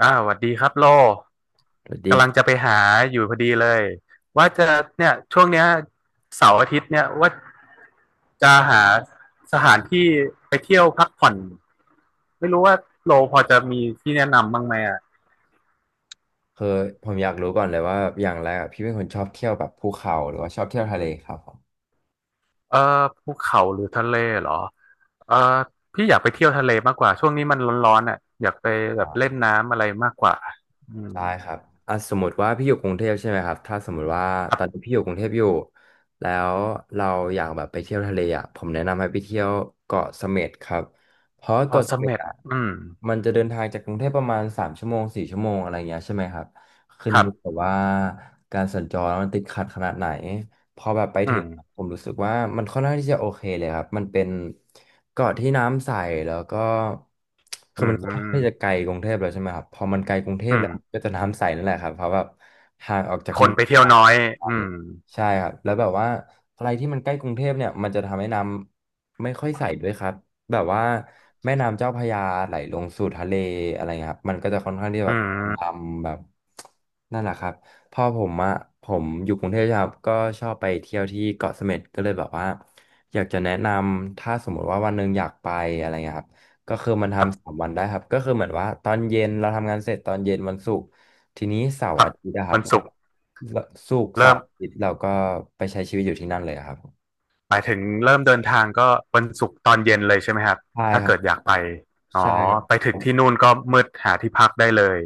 หวัสดีครับโลสวัสดีกำคลัรังบจะไปหาอยู่พอดีเลยว่าจะเนี่ยช่วงเนี้ยเสาร์อาทิตย์เนี่ยว่าจะหาสถานที่ไปเที่ยวพักผ่อนไม่รู้ว่าโลพอจะมีที่แนะนำบ้างไหมอ่ะคือผมอยากรู้ก่อนเลยว่าอย่างแรกอะพี่เป็นคนชอบเที่ยวแบบภูเขาหรือว่าชอบเที่ยวทะเลครับผมเออภูเขาหรือทะเลเหรอเออพี่อยากไปเที่ยวทะเลมากกว่าช่วงนี้มันร้อนๆอ่ะอยากไปแบอ่บเล่นาน้ำอะไรมากกว่าอืมได้ครับอ่ะสมมติว่าพี่อยู่กรุงเทพใช่ไหมครับถ้าสมมติว่าครัตอนนี้บพี่อยู่กรุงเทพอยู่แล้วเราอยากแบบไปเที่ยวทะเลอ่ะผมแนะนำให้ไปเที่ยวเกาะเสม็ดครับเพราะพอเกาะเสเสม็ดม็ดอ่ะอืมมันจะเดินทางจากกรุงเทพประมาณ3 ชั่วโมง4 ชั่วโมงอะไรเงี้ยใช่ไหมครับขึ้นครัอยู่บกับว่าการสัญจรมันติดขัดขนาดไหน พอแบบไปอืถึงมผมรู้สึกว่ามันค่อนข้างที่จะโอเคเลยครับมันเป็นเกาะที่น้ำใสแล้วก็คือือมมันก็อืค่อนมข้างที่จะไกลกรุงเทพแล้วใช่ไหมครับพอมันไกลกรุงเทพอืแล้มวก็จะน้ำใสนั่นแหละครับเพราะแบบห่างออกจากคเมืนองไปเที่ยวน้อยอืมใช่ครับแล้วแบบว่าอะไรที่มันใกล้กรุงเทพเนี่ยมันจะทำให้น้ำไม่ค่อยใสด้วยครับแบบว่าแม่น้ำเจ้าพระยาไหลลงสู่ทะเลอะไรเงี้ยครับมันก็จะค่อนข้างที่อืแบบดมำแบบนั่นแหละครับ พอผมอะผมอยู่กรุงเทพใช่ไหมครับก็ชอบไปเที่ยวที่เกาะเสม็ดก็เลยแบบว่าอยากจะแนะนำถ้าสมมติว่าวันหนึ่งอยากไปอะไรเงี้ยครับก็คือมันครัทำสาบ มวันได้ครับก็คือเหมือนว่าตอนเย็นเราทำงานเสร็จตอนเย็นวันศุกร์ทีนี้เสาคร์รับอาทิตย์นะครัวับนเราศุกร์ศุกร์เสาเริ่มร์อาทิตย์เราก็ไปใช้ชีวิตอยู่ที่นั่นเลยอะครับหมายถึงเริ่มเดินทางก็วันศุกร์ตอนเย็นเลยใช่ไหมครับใช่ถ้าครับเกิดอยากไปอ๋อใช่ครับ ไปถึงที่นู่นก็มืดหาที่พักได้เลย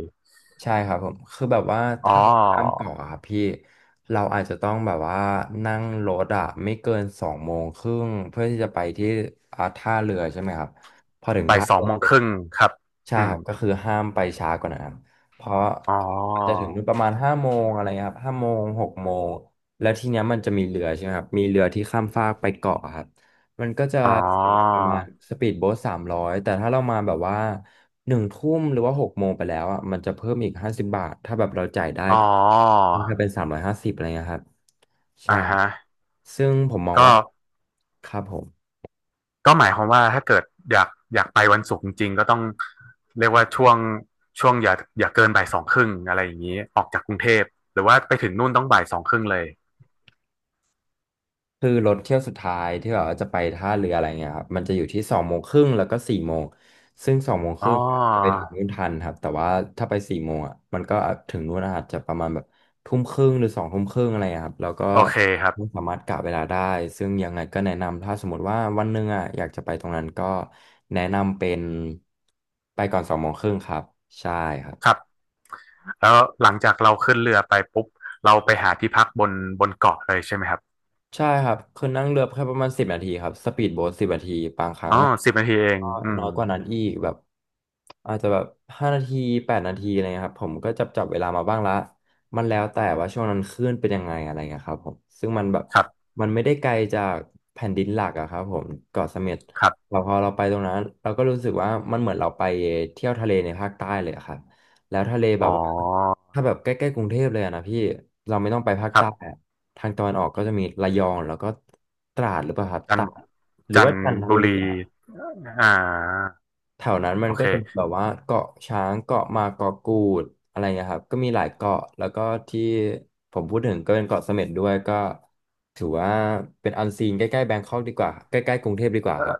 ใช่ครับผมคือแบบว่าอ๋อถ้าแบบข้ามเกาะอะครับพี่เราอาจจะต้องแบบว่านั่งรถอะไม่เกินสองโมงครึ่งเพื่อที่จะไปที่ท่าเรือใช่ไหมครับพอถึงบ่ายท่าสอเรืงอโมงเสคร็จรึ่งครับใช่อืคมรับก็คือห้ามไปช้ากว่านั้นครับเพราะอ๋ออาจจะถึงนู่นประมาณห้าโมงอะไรเงี้ยครับห้าโมงหกโมงแล้วทีเนี้ยมันจะมีเรือใช่ไหมครับมีเรือที่ข้ามฟากไปเกาะครับ มันก็จะอ๋อเสียเงินประมาณสปีดโบ๊ทสามร้อยแต่ถ้าเรามาแบบว่า1 ทุ่มหรือว่าหกโมงไปแล้วอ่ะมันจะเพิ่มอีก50 บาทถ้าแบบเราจ่ายได้อ๋อก็มันจะเป็น350อะไรเงี้ยครับอ่าใช่ฮะซึ่งผมมองก็ว่าครับผม ก็หมายความว่าถ้าเกิดอยากอยากไปวันศุกร์จริงๆก็ต้องเรียกว่าช่วงอย่าเกินบ่ายสองครึ่งอะไรอย่างนี้ออกจากกรุงเทพหรือว่าไปถึงนู่นต้องบ่ายสองครึ่งเลยคือรถเที่ยวสุดท้ายที่แบบว่าจะไปท่าเรืออะไรเงี้ยครับมันจะอยู่ที่สองโมงครึ่งแล้วก็สี่โมงซึ่งสองโมงคอ๋อ รึ่งจะไปถึงนู่นทันครับแต่ว่าถ้าไปสี่โมงอ่ะมันก็ถึงนู่นอาจจะประมาณแบบทุ่มครึ่งหรือ2 ทุ่มครึ่งอะไรเงี้ยครับแล้วก็โอเคครัไม่บสามารถกะเวลาได้ซึ่งยังไงก็แนะนำถ้าสมมติว่าวันหนึ่งอ่ะอยากจะไปตรงนั้นก็แนะนำเป็นไปก่อนสองโมงครึ่งครับใช่ครับ ครับแล้วหลังจากเราขึ้นเรือไปปุ๊บเราไปหาที่พักบนเกาะเลยใช่ไหมครับใช่ครับคือนั่งเรือแค่ประมาณสิบนาทีครับสปีดโบ๊ทสิบนาทีบางครั้อ๋งออะสิบนาทีเองก็น้อยกว่านั้นอีกแบบอาจจะแบบ5 นาที8 นาทีอะไรเงี้ยครับผมก็จับเวลามาบ้างละมันแล้วแต่ว่าช่วงนั้นคลื่นเป็นยังไงอะไรเงี้ยครับผมซึ่งมันแบบครับมันไม่ได้ไกลจากแผ่นดินหลักอะครับผมเกาะเสม็ดครับเราพอเราไปตรงนั้นเราก็รู้สึกว่ามันเหมือนเราไปเที่ยวทะเลในภาคใต้เลยอะครับแล้วทะเลแบอ๋บว่า อถ้าแบบใกล้ๆกรุงเทพเลยอะนะพี่เราไม่ต้องไปภาคครัใต้บอะทางตะวันออกก็จะมีระยองแล้วก็ตราดหรือเปล่าครับตจันราดหรือจันว่าทจันทบุบุรีรีอะอ่าแถวนั้นมัโอนก็เคจะมีแบบว่าเกาะช้างเกาะมาเกาะกูดอะไรเงี้ยครับก็มีหลายเกาะแล้วก็ที่ผมพูดถึงก็เป็นเกาะเสม็ดด้วยก็ถือว่าเป็นอันซีนใกล้ๆแบงคอกดีกว่าใกล้ๆกรุงเทพดีกว่าเอครัอบ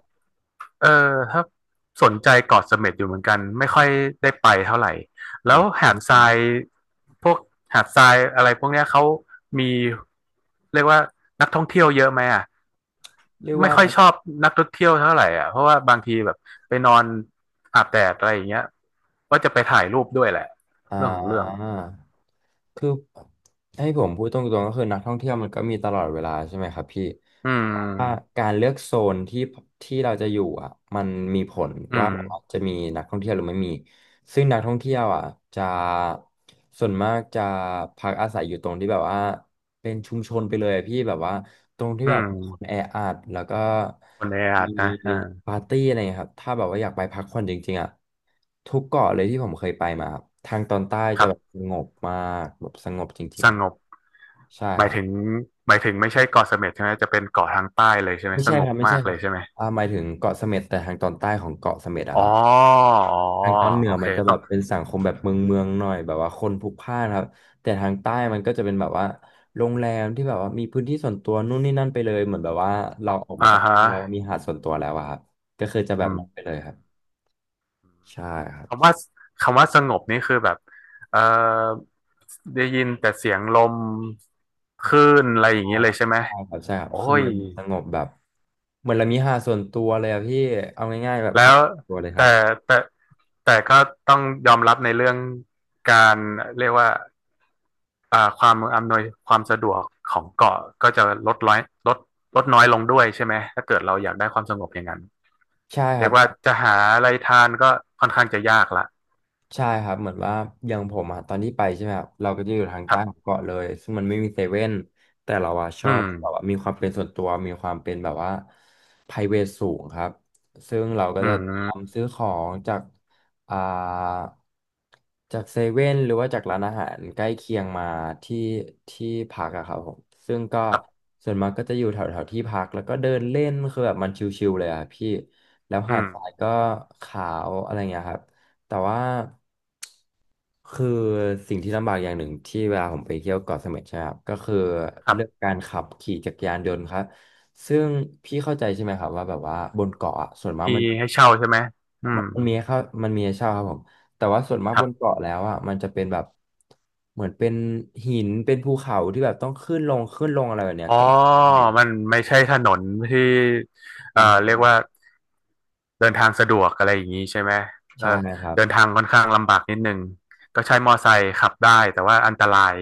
เออถ้าสนใจเกาะเสม็ดอยู่เหมือนกันไม่ค่อยได้ไปเท่าไหร่อืแล้วมหาดทรายพวกหาดทรายอะไรพวกเนี้ยเขามีเรียกว่านักท่องเที่ยวเยอะไหมอ่ะ เรียกไม่ว่า ค่อยชอบนักท่องเที่ยวเท่าไหร่อ่ะเพราะว่าบางทีแบบไปนอนอาบแดดอะไรอย่างเงี้ยว่าจะไปถ่ายรูปด้วยแหละอ่าเรื่องของเรื่องคือให้ผมพูดตรงๆก็คือนักท่องเที่ยวมันก็มีตลอดเวลาใช่ไหมครับพี่อืเพราะว่ามการเลือกโซนที่ที่เราจะอยู่อ่ะมันมีผลอืว่ามแบบว่าจะมีนักท่องเที่ยวหรือไม่มีซึ่งนักท่องเที่ยวอ่ะจะส่วนมากจะพักอาศัยอยู่ตรงที่แบบว่าเป็นชุมชนไปเลยอะพี่แบบว่าตรงที่อืแบบมคนแออัดแล้วก็ คนในอามีดนะอ่าปาร์ตี้อะไรเงี้ยครับถ้าแบบว่าอยากไปพักผ่อนจริงๆอ่ะทุกเกาะเลยที่ผมเคยไปมาครับทางตอนใต้คจะรัแบบบสงบมากแบบสงบจริสงงบๆใช่หคมายรับถึงหมายถึงไม่ใช่เกาะเสม็ดใช่ไหมจะเป็นเกาะทางใต้เลยใช่ไหมไม่สใช่งคบรับไม่มาใช่กคเลรับยใช่ไหมหมายถึงเกาะเสม็ดแต่ทางตอนใต้ของเกาะเสม็ดอ๋อะอครับอ๋อทางตอนเหนืโออเคมันจะต้แบองบเป็นสังคมแบบเมืองเมืองหน่อยแบบว่าคนพลุกพล่านครับแต่ทางใต้มันก็จะเป็นแบบว่าโรงแรมที่แบบว่ามีพื้นที่ส่วนตัวนู่นนี่นั่นไปเลยเหมือนแบบว่าเราออกอ่ามาจากฮะโรงแรมมีหาดส่วนตัวแล้วอะครับก็คือจะแบอืบม นั้นไปเลยครับใช่ครับ คำว่าคำว่าสงบนี่คือแบบเอ่อได้ยินแต่เสียงลมคลื่นอะไรอย่างใช่นี้คเลยรับใช่ไหมใช่ครับใช่ครับโอ้คือยมันสงบแบบเหมือนเรามีหาดส่วนตัวเลยอะพี่เอาง่ายๆแบบแล้หาวดส่วนตัวเลยครับแต่แต่แต่ก็ต้องยอมรับในเรื่องการเรียกว่าอ่าความอำนวยความสะดวกของเกาะก็จะลดน้อยลดลดน้อยลงด้วยใช่ไหมถ้าเกิดเราอยากได้ความสงบอย่างนั้นใช่คเรีรัยบ กว่าจะหาอะไรทานก็ค่อนข้างจะยากละใช่ครับเหมือนว่าอย่างผมอะตอนที่ไปใช่ไหมครับเราก็จะอยู่ทางครัใต้ของบเกาะเลยซึ่งมันไม่มีเซเว่นแต่เราอะชอือบมแบบว่ามีความเป็นส่วนตัวมีความเป็นแบบว่า private สูงครับซึ่งเราก็อืจะเตรียมมซื้อของจากอ่าจากเซเว่นหรือว่าจากร้านอาหารใกล้เคียงมาที่พักอะครับผมซึ่งก็ครับส่วนมากก็จะอยู่แถวแถวที่พักแล้วก็เดินเล่นคือแบบมันชิลๆเลยอะพี่แล้วหาอืดมทรายก็ขาวอะไรเงี้ยครับ แต่ว่าคือสิ่งที่ลำบากอย่างหนึ่งที่เวลาผมไปเที่ยวเกาะเสม็ดใช่ไหมครับก็คือครัเรื่องบ การขับขี่จักรยานยนต์ครับซึ่งพี่เข้าใจใช่ไหมครับว่าแบบว่าบนเกาะอะส่วนมากมีมันจะให้เป็นแบเช่าบใช่ไหมอืมัมนมนมีให้เข้ามันมีให้เช่าครับผมแต่ว่าส่วนมากครับนบเกาะแล้วอ่ะมันจะเป็นแบบเหมือนเป็นหินเป็นภูเขาที่แบบต้องขึ้นลงขึ้นลงอะไรแบบเนี้ยอ๋อก็มันไม่ใช่ถนนที่เป็นทางเรียกลาดว่าเดินทางสะดวกอะไรอย่างนี้ใช่ไหมเอ่อใช่ครับ เดินทางค่อนข้างลำบากนิดนึงก็ใช้มอไซค์ขับได้แต่ว่าอันตราย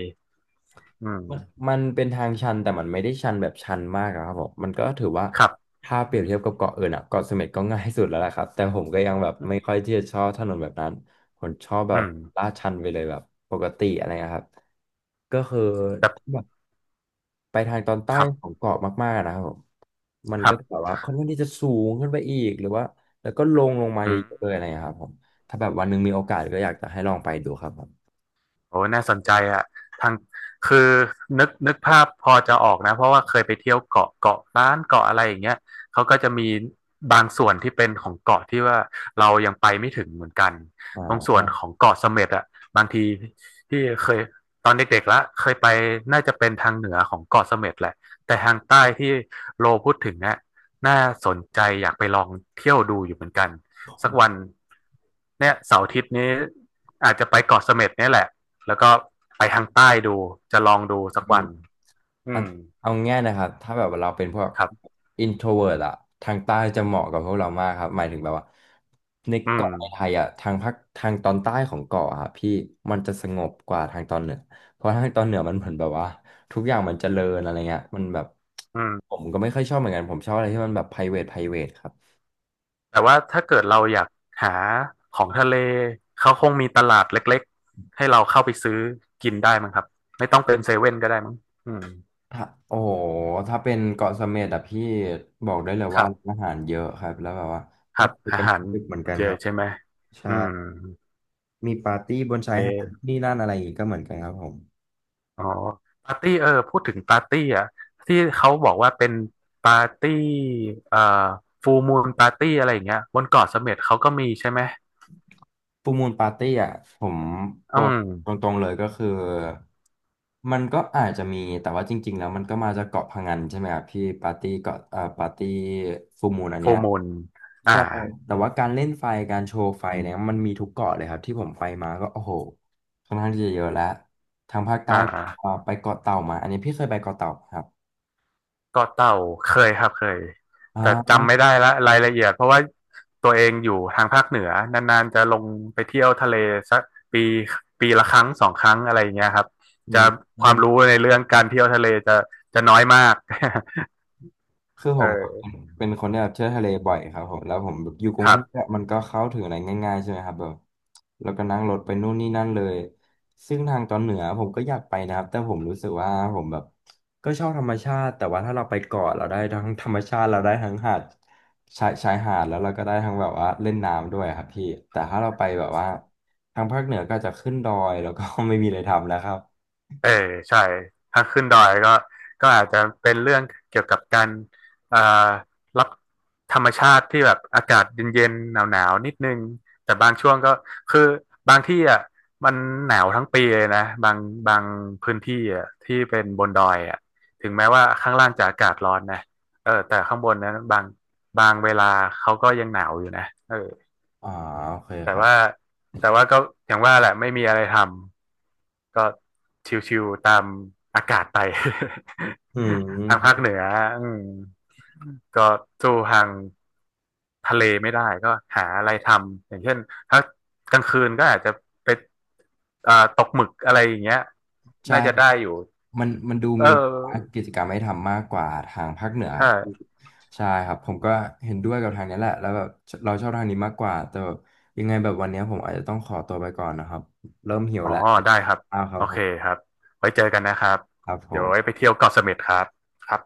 อืมันมมันเป็นทางชันแต่มันไม่ได้ชันแบบชันมากอะครับผมมันก็ถือว่าครับถ้าเปรียบเทียบกับเกาะอื่นอะเกาะเสม็ดก็ง่ายสุดแล้วแหละครับแต่ผมก็ยังแบบไม่ค่อยที่จะชอบถนนแบบนั้นผมชอบแบอืบมลาดชันไปเลยแบบปกติอะไรนะครับก็คือแต่แบบไปทางตอนใต้ครับของเกาะมากๆนะครับผมมันคก็รัจะแบบบว่าค่อนข้างที่จะสูงขึ้นไปอีกหรือว่าแล้วก็ลงลงมาอืเยอะม ๆเลยอะไรนะครับผมถ้าแบบวันหนึงมีโอกาสก็อยากจะให้ลองไปดูครับผมโอ้น่าสนใจอ่ะทางคือนึกภาพพอจะออกนะเพราะว่าเคยไปเที่ยวเกาะเกาะล้านเกาะอะไรอย่างเงี้ยเขาก็จะมีบางส่วนที่เป็นของเกาะที่ว่าเรายังไปไม่ถึงเหมือนกันอตรงส่วน่า ของเกาะเสม็ดอ่ะบางทีที่เคยตอนเด็กๆละเคยไปน่าจะเป็นทางเหนือของเกาะเสม็ดแหละแต่ทางใต้ที่โลพูดถึงเนี่ยน่าสนใจอยากไปลองเที่ยวดูอยู่เหมือนกันสักวัน เนี่ยเสาร์อาทิตย์นี้อาจจะไปเกาะเสม็ดเนี่ยแหละ แล้วก็ไปทางใต้ดูจะลองดูสักวันอืเอามเอาง่ายนะครับถ้าแบบว่าเราเป็นพวก ครับ introvert อะทางใต้จะเหมาะกับพวกเรามากครับหมายถึงแบบว่าในอืมเกาะในไทยอะทางภาคทางตอนใต้ของเกาะอะครับพี่มันจะสงบกว่าทางตอนเหนือเพราะทางตอนเหนือมันเหมือนแบบว่าทุกอย่างมันเจริญอะไรเงี้ยมันแบบอืผมมก็ไม่ค่อยชอบเหมือนกันผมชอบอะไรที่มันแบบ private private ครับแต่ว่าถ้าเกิดเราอยากหาของทะเลเขาคงมีตลาดเล็กๆให้เราเข้าไปซื้อกินได้มั้งครับไม่ต้องเป็นเซเว่นก็ได้มั้งอืมถ้าโอ้โหถ้าเป็นเกาะเสม็ดอะพี่บอกได้เลยคว่ารับร้านอาหารเยอะครับแล้วแบบว่าคก็รับไปอากันหาถึรงดึกเหมือนกันเจอครับใช่ไหมใช่ อืมมีปาร์ตี้บนโอเคชายหาดนี่นั่นอะไรอย่างงี้ก็เหมือนกันครับผมอ๋อปาร์ตี้เออพูดถึงปาร์ตี้อ่ะที่เขาบอกว่าเป็นปาร์ตี้เอ่อฟูมูนปาร์ตี้อะไรอย่างเงี้ยบนเกาะเสม็ดเขาก็มีใช่ไหมฟูลมูนปาร์ตี้อ่ะผมอืบอกม ตรงๆเลยก็คือมันก็อาจจะมีแต่ว่าจริงๆแล้วมันก็มาจากเกาะพะงันใช่ไหมครับพี่ปาร์ตี้เกาะปาร์ตี้ฟูลมูนอันโฟเนี้ยร์มูลอ่าใช่แต่ว่าการเล่นไฟการโชว์ไฟเนี่ยมันมีทุกเกาะเลยครับที่ผมไปมาก็โอ้โหค่อนข้างที่จะเยอะแล้วทางภาคใต้อ่ผมก็าไปเกาะเต่ามาอันนี้พี่เคยไปเกาะเต่าไหมครับก็เต่าเคยครับเคยแต่อ่าจำไม่ได้ละรายละเอียด เพราะว่าตัวเองอยู่ทางภาคเหนือนานๆจะลงไปเที่ยวทะเลสักปีปีละครั้งสองครั้งอะไรอย่างเงี้ยครับ อืจะม ความรู้ในเรื่องการเที่ยวทะเลจะน้อยมาก คือ ผเมออเป็นคนที่แบบเที่ยวทะเลบ่อยครับผมแล้วผมแบบอยู่กรุคงเทรัพบ เนี่ยมันก็เข้าถึงอะไรง่ายๆใช่ไหมครับแบบแล้วก็นั่งรถไปนู่นนี่นั่นเลยซึ่งทางตอนเหนือผมก็อยากไปนะครับแต่ผมรู้สึกว่าผมแบบก็ชอบธรรมชาติแต่ว่าถ้าเราไปเกาะเราได้ทั้งธรรมชาติเราได้ทั้งหาดชายหาดแล้วเราก็ได้ทั้งแบบว่าเล่นน้ำด้วยครับพี่แต่ถ้าเราไปแบบว่าทางภาคเหนือก็จะขึ้นดอยแล้วก็ ไม่มีอะไรทำแล้วครับเออใช่ถ้าขึ้นดอยก็อาจจะเป็นเรื่องเกี่ยวกับการเอ่รับธรรมชาติที่แบบอากาศเย็นๆหนาวๆนิดนึงแต่บางช่วงก็คือบางที่อ่ะมันหนาวทั้งปีเลยนะบางพื้นที่อ่ะที่เป็นบนดอยอ่ะถึงแม้ว่าข้างล่างจะอากาศร้อนนะเออแต่ข้างบนนั้นบางเวลาเขาก็ยังหนาวอยู่นะเออ อ๋อโอเคแต่ครับว่าแต่ว่าก็อย่างว่าแหละไม่มีอะไรทำก็ชิวๆตามอากาศไป อื ทางภาคเหม นืออืมก็สู้ทางทะเลไม่ได้ก็หาอะไรทำอย่างเช่นถ้ากลางคืนก็อาจจะไปตกหมึกอะไรอย่างเงี้ยใช่น่าจะครัได้บอยู่มันดูเอมีอกิจกรรมให้ทำมากกว่าทางภาคเหนือครับพี่ใช่ใช่ครับ ผมก็เห็นด้วยกับทางนี้แหละแล้วแบบเราชอบทางนี้มากกว่า แต่แบบยังไงแบบวันนี้ผมอาจจะต้องขอตัวไปก่อนนะครับ เริ่มหิวอ๋อแล้วเดี๋ยวได้กครับิ้าวครัโอบผเคมครับไว้เจอกันนะครับครับผเดี๋ยวมไว้ไปเที่ยวเกาะเสม็ดครับครับ